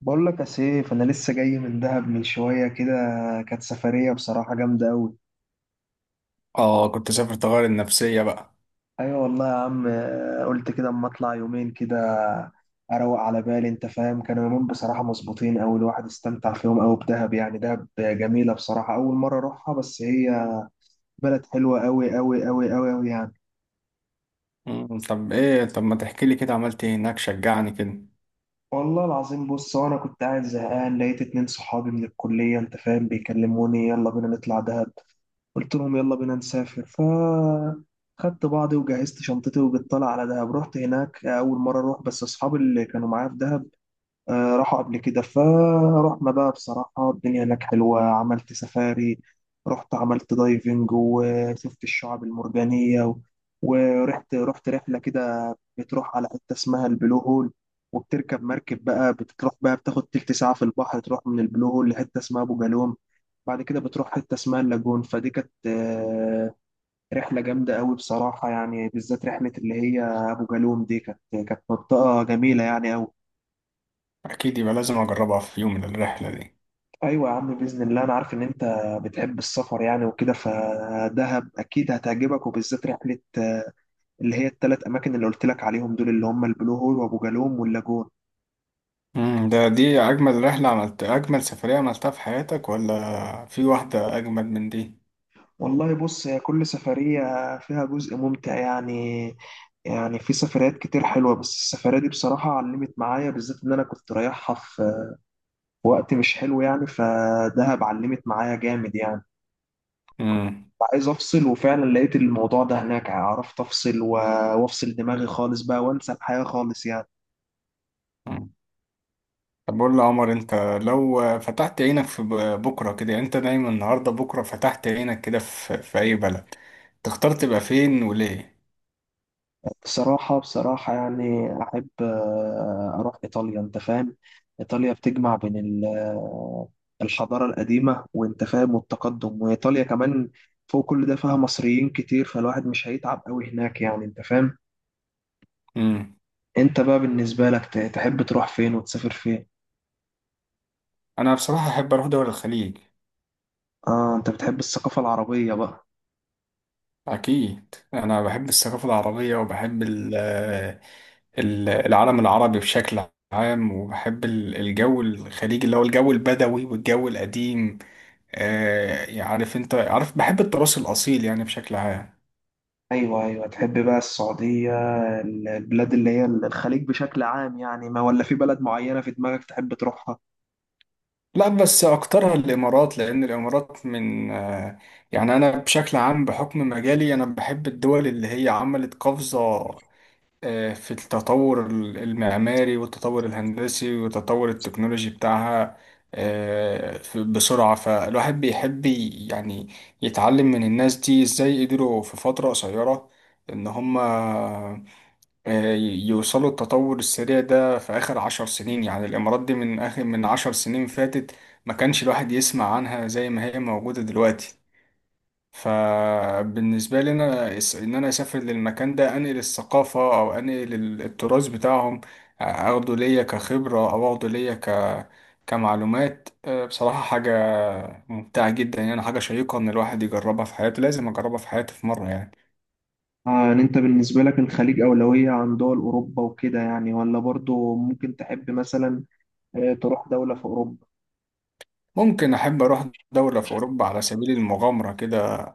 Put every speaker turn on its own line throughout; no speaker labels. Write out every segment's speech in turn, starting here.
بقول لك يا سيف، انا لسه جاي من دهب من شويه كده. كانت سفريه بصراحه جامده قوي.
اه، كنت سافر تغير النفسية بقى.
ايوه والله يا عم، قلت كده اما اطلع يومين كده اروق على بالي. انت فاهم؟ كانوا يومين بصراحه مظبوطين قوي، الواحد استمتع فيهم قوي بدهب. يعني دهب جميله بصراحه، اول مره اروحها، بس هي بلد حلوه قوي قوي قوي قوي قوي يعني.
طب ما تحكي لي كده عملت ايه هناك شجعني كده؟
والله العظيم بص، وانا كنت قاعد زهقان لقيت 2 صحابي من الكليه، انت فاهم، بيكلموني يلا بينا نطلع دهب. قلت لهم يلا بينا نسافر. خدت بعضي وجهزت شنطتي وبالطلع على دهب. رحت هناك أول مرة أروح، بس أصحابي اللي كانوا معايا في دهب راحوا قبل كده. فرحنا بقى، بصراحة الدنيا هناك حلوة، عملت سفاري، رحت عملت دايفنج وشفت الشعاب المرجانية ورحت رحلة كده، بتروح على حتة اسمها البلو هول، وبتركب مركب بقى بتروح بقى بتاخد تلت ساعة في البحر، تروح من البلو هول لحتة اسمها أبو جالوم. بعد كده بتروح حتة اسمها اللاجون. فدي كانت رحلة جامدة قوي بصراحة، يعني بالذات رحلة اللي هي أبو جالوم دي، كانت منطقة جميلة يعني قوي.
اكيد يبقى لازم اجربها في يوم من الرحلة دي.
أيوة يا عم، بإذن الله، أنا عارف إن أنت بتحب السفر يعني وكده، فدهب أكيد هتعجبك، وبالذات رحلة اللي هي التلات أماكن اللي قلت لك عليهم دول، اللي هم البلو هول وأبو جالوم واللاجون.
دي اجمل سفرية عملتها في حياتك ولا في واحدة اجمل من دي؟
والله بص، هي كل سفرية فيها جزء ممتع يعني. يعني في سفريات كتير حلوة، بس السفرية دي بصراحة علمت معايا، بالذات إن أنا كنت رايحها في وقت مش حلو يعني، فدهب علمت معايا جامد يعني.
مم.
عايز افصل، وفعلا لقيت الموضوع ده هناك، عرفت افصل وافصل دماغي خالص بقى وانسى الحياة خالص يعني.
مم. طب قول لي يا عمر انت لو فتحت عينك بكرة كده، يعني انت نايم النهاردة بكرة فتحت عينك كده في اي بلد تختار تبقى فين وليه؟
بصراحة يعني احب اروح ايطاليا، انت فاهم؟ ايطاليا بتجمع بين الحضارة القديمة، وانت فاهم، والتقدم. وايطاليا كمان فوق كل ده فيها مصريين كتير، فالواحد مش هيتعب قوي هناك يعني، انت فاهم.
مم.
انت بقى بالنسبة لك تحب تروح فين وتسافر فين؟
انا بصراحة احب اروح دول الخليج.
اه انت بتحب الثقافة العربية بقى.
أكيد أنا بحب الثقافة العربية، وبحب العالم العربي بشكل عام، وبحب الجو الخليجي اللي هو الجو البدوي والجو القديم. يعني أنت عارف بحب التراث الأصيل يعني بشكل عام.
ايوه ايوه، تحب بقى السعودية، البلاد اللي هي الخليج بشكل عام يعني؟ ما ولا في بلد معينة في دماغك تحب تروحها؟
لا، بس أكترها الإمارات، لأن الإمارات من آه، يعني أنا بشكل عام بحكم مجالي أنا بحب الدول اللي هي عملت قفزة في التطور المعماري والتطور الهندسي والتطور التكنولوجي بتاعها بسرعة. فالواحد بيحب يعني يتعلم من الناس دي ازاي قدروا في فترة قصيرة ان هما يوصلوا التطور السريع ده في اخر عشر سنين. يعني الامارات دي من اخر عشر سنين فاتت ما كانش الواحد يسمع عنها زي ما هي موجودة دلوقتي. فبالنسبة لي أنا إن أنا أسافر للمكان ده، أنقل الثقافة أو أنقل التراث بتاعهم، أخده ليا كخبرة أو أخده ليا كمعلومات. بصراحة حاجة ممتعة جدا، يعني حاجة شيقة إن الواحد يجربها في حياته. لازم أجربها في حياتي في مرة يعني.
اه، يعني انت بالنسبة لك الخليج أولوية عن دول أوروبا وكده يعني؟ ولا برضو ممكن تحب مثلا تروح دولة في أوروبا؟
ممكن أحب أروح دولة في أوروبا على سبيل المغامرة كده،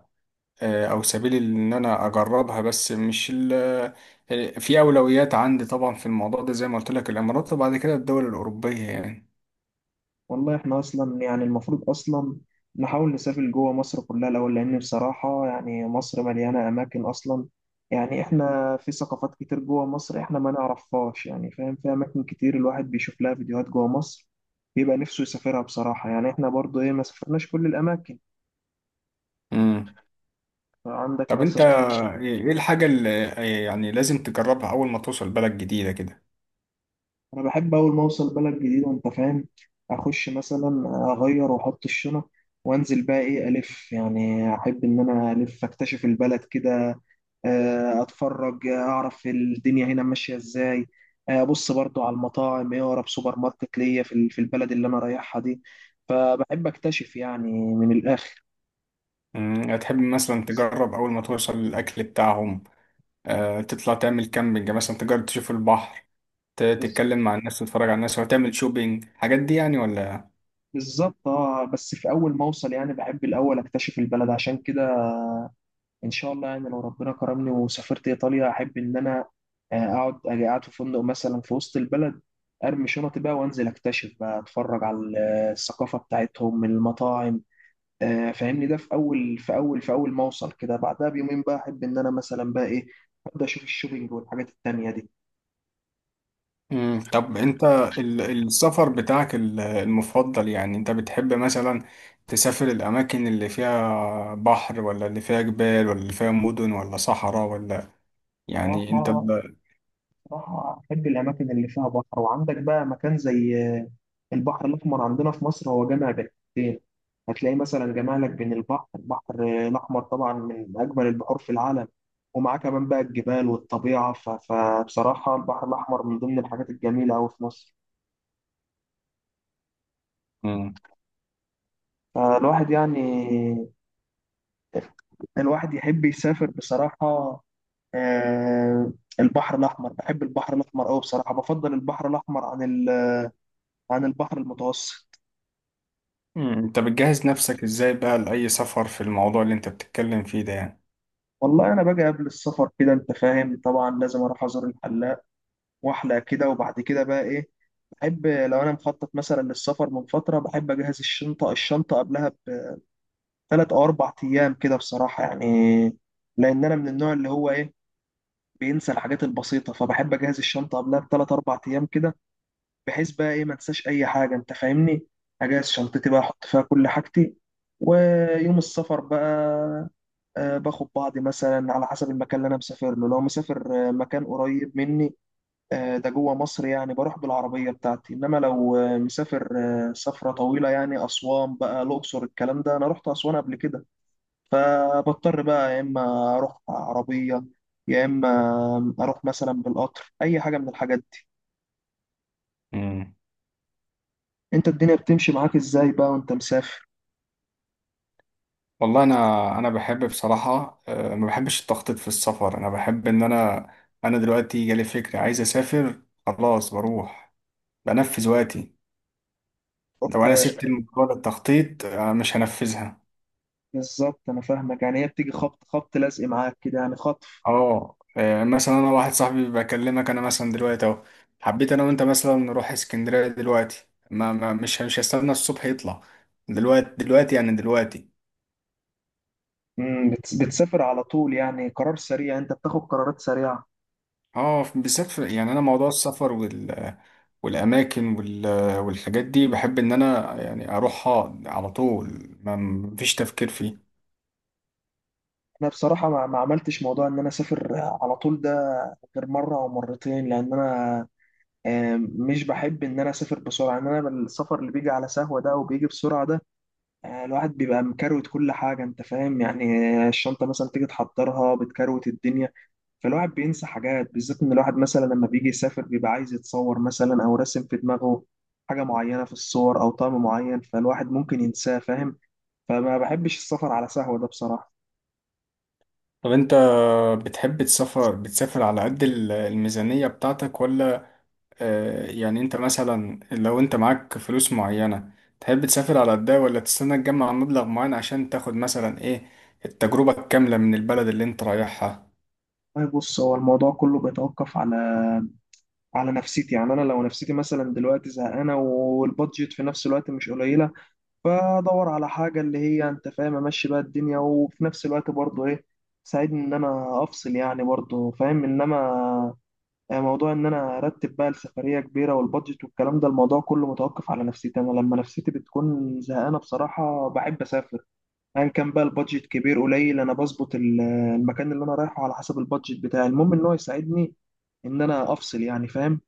أو سبيل إن أنا أجربها، بس مش في أولويات عندي طبعا في الموضوع ده. زي ما قلت لك، الإمارات وبعد كده الدول الأوروبية يعني.
والله احنا اصلا يعني، المفروض اصلا نحاول نسافر جوه مصر كلها الاول، لان بصراحه يعني مصر مليانه اماكن اصلا. يعني احنا في ثقافات كتير جوه مصر احنا ما نعرفهاش يعني، فاهم؟ في اماكن كتير الواحد بيشوف لها فيديوهات جوه مصر بيبقى نفسه يسافرها بصراحه، يعني احنا برضو ايه ما سافرناش كل الاماكن.
مم.
عندك
طب انت
مثلا.
إيه الحاجة اللي يعني لازم تجربها اول ما توصل بلد جديدة كده؟
انا بحب اول ما اوصل بلد جديده، انت فاهم؟ اخش مثلا اغير واحط الشنط، وانزل بقى ايه الف، يعني احب ان انا الف اكتشف البلد كده، اتفرج، اعرف الدنيا هنا ماشيه ازاي، ابص برضو على المطاعم، ايه اقرب سوبر ماركت ليا في البلد اللي انا رايحها دي. فبحب اكتشف يعني من الاخر.
هتحب مثلا تجرب اول ما توصل الاكل بتاعهم؟ اه تطلع تعمل كامبينج مثلا؟ تجرب تشوف البحر،
بز-
تتكلم مع الناس، تتفرج على الناس، وتعمل شوبينج الحاجات دي يعني، ولا؟
بالظبط، اه بس في اول ما اوصل يعني بحب الاول اكتشف البلد، عشان كده ان شاء الله يعني لو ربنا كرمني وسافرت ايطاليا، احب ان انا اقعد اجي قاعد في فندق مثلا في وسط البلد، ارمي شنطي بقى وانزل اكتشف بقى، اتفرج على الثقافه بتاعتهم، المطاعم، فاهمني، ده في اول ما اوصل كده. بعدها بيومين بقى احب ان انا مثلا بقى ايه ابدا اشوف الشوبينج والحاجات التانيه دي.
طب انت السفر بتاعك المفضل، يعني انت بتحب مثلا تسافر الاماكن اللي فيها بحر، ولا اللي فيها جبال، ولا اللي فيها مدن، ولا صحراء، ولا؟
صراحه
يعني انت.
صراحة أحب الأماكن اللي فيها بحر، وعندك بقى مكان زي البحر الأحمر عندنا في مصر، هو جامع بين حاجتين، هتلاقي مثلا جامع لك بين البحر الأحمر طبعا، من أجمل البحور في العالم، ومعاه كمان بقى الجبال والطبيعة. فبصراحة البحر الأحمر من ضمن الحاجات الجميلة أوي في مصر. فالواحد يعني الواحد يحب يسافر بصراحة، آه، البحر الأحمر، بحب البحر الأحمر أوي بصراحة. بفضل البحر الأحمر عن عن البحر المتوسط.
مم. انت بتجهز نفسك ازاي بقى لأي سفر في الموضوع اللي انت بتتكلم فيه ده يعني؟
والله انا باجي قبل السفر كده، انت فاهم، طبعا لازم اروح ازور الحلاق واحلق كده، وبعد كده بقى ايه بحب لو انا مخطط مثلا للسفر من فتره، بحب اجهز الشنطه قبلها ب3 أو 4 أيام كده بصراحه يعني، لان انا من النوع اللي هو ايه بينسى الحاجات البسيطه. فبحب اجهز الشنطه قبلها ب3 4 أيام كده، بحيث بقى ايه ما انساش اي حاجه، انت فاهمني؟ اجهز شنطتي بقى، احط فيها كل حاجتي. ويوم السفر بقى باخد بعضي مثلا على حسب المكان اللي انا مسافر له. لو مسافر مكان قريب مني ده جوه مصر يعني، بروح بالعربيه بتاعتي. انما لو مسافر سفره طويله يعني اسوان بقى، الاقصر، الكلام ده، انا رحت اسوان قبل كده، فبضطر بقى يا اما اروح عربيه، يا اما اروح مثلا بالقطر، اي حاجه من الحاجات دي.
مم.
انت الدنيا بتمشي معاك ازاي بقى وانت مسافر؟
والله انا بحب بصراحة، ما بحبش التخطيط في السفر. انا بحب ان انا دلوقتي جالي فكرة عايز اسافر خلاص، بروح بنفذ وقتي. لو انا
آه،
سبت الموضوع للتخطيط مش هنفذها.
بالظبط انا فاهمك، يعني هي بتيجي خبط خبط لازق معاك كده يعني، خط.
مثلا انا واحد صاحبي بكلمك انا مثلا دلوقتي اهو، حبيت انا وانت مثلا نروح اسكندرية دلوقتي، ما ما مش مش هستنى الصبح يطلع. دلوقتي دلوقتي يعني دلوقتي.
مم، بتسافر على طول يعني؟ قرار سريع، انت بتاخد قرارات سريعه؟
اه بالذات في، يعني انا موضوع السفر والاماكن والحاجات دي بحب ان انا يعني اروحها على طول ما مفيش تفكير فيه.
انا بصراحه ما ما عملتش موضوع ان انا اسافر على طول ده غير مره او مرتين، لان انا مش بحب ان انا اسافر بسرعه. ان انا السفر اللي بيجي على سهوه ده وبيجي بسرعه ده، الواحد بيبقى مكروت كل حاجه، انت فاهم يعني. الشنطه مثلا تيجي تحضرها بتكروت الدنيا، فالواحد بينسى حاجات، بالذات ان الواحد مثلا لما بيجي يسافر بيبقى عايز يتصور مثلا، او راسم في دماغه حاجه معينه في الصور، او طعم معين، فالواحد ممكن ينساه، فاهم؟ فما بحبش السفر على سهوة ده بصراحة.
طب انت بتحب تسافر، على قد الميزانية بتاعتك، ولا يعني انت مثلا لو انت معاك فلوس معينة تحب تسافر على قدها، ولا تستنى تجمع مبلغ معين عشان تاخد مثلا ايه التجربة الكاملة من البلد اللي انت رايحها؟
طيب بص، هو الموضوع كله بيتوقف على نفسيتي، يعني انا لو نفسيتي مثلا دلوقتي زهقانه، والبادجت في نفس الوقت مش قليله، فادور على حاجه اللي هي انت فاهم امشي بقى الدنيا، وفي نفس الوقت برضه ايه تساعدني ان انا افصل يعني، برضه فاهم. انما موضوع ان انا ارتب بقى السفريه كبيره والبادجت والكلام ده، الموضوع كله متوقف على نفسيتي. انا لما نفسيتي بتكون زهقانه بصراحه بحب اسافر، ايا كان بقى البادجت كبير قليل. انا بظبط المكان اللي انا رايحه على حسب البادجت بتاعي، المهم ان هو يساعدني ان انا افصل يعني، فاهم؟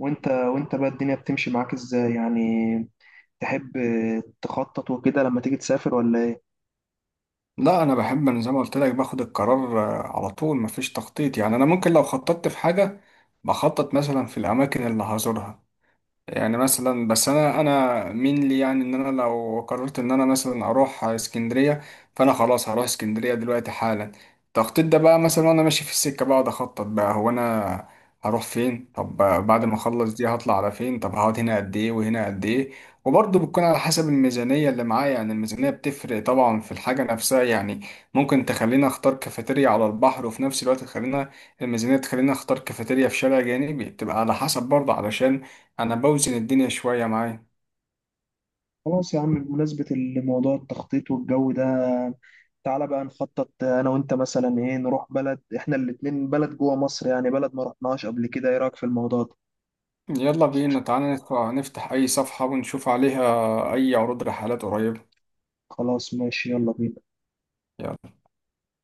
وانت بقى الدنيا بتمشي معاك ازاي يعني؟ تحب تخطط وكده لما تيجي تسافر ولا ايه؟
لا، انا بحب، انا زي ما قلت لك باخد القرار على طول مفيش تخطيط. يعني انا ممكن لو خططت في حاجه بخطط مثلا في الاماكن اللي هزورها، يعني مثلا. بس انا مين لي، يعني ان انا لو قررت ان انا مثلا اروح اسكندريه، فانا خلاص هروح اسكندريه دلوقتي حالا. التخطيط ده بقى مثلا وانا ماشي في السكه بقعد اخطط بقى، هو انا هروح فين؟ طب بعد ما اخلص دي هطلع على فين؟ طب هقعد هنا قد ايه وهنا قد ايه؟ وبرضه بتكون على حسب الميزانيه اللي معايا. يعني الميزانيه بتفرق طبعا في الحاجه نفسها، يعني ممكن تخليني اختار كافيتيريا على البحر، وفي نفس الوقت تخلينا الميزانيه تخليني اختار كافيتيريا في شارع جانبي. بتبقى على حسب برضه، علشان انا بوزن الدنيا شوية معايا.
خلاص يا عم، بمناسبة الموضوع، التخطيط والجو ده، تعالى بقى نخطط انا وانت مثلا ايه، نروح بلد احنا الاتنين، بلد جوه مصر يعني، بلد ما رحناهاش قبل كده، ايه رايك في الموضوع ده؟
يلا بينا، تعالى نفتح اي صفحة ونشوف عليها اي عروض رحلات قريبة.
خلاص ماشي، يلا بينا.
يلا.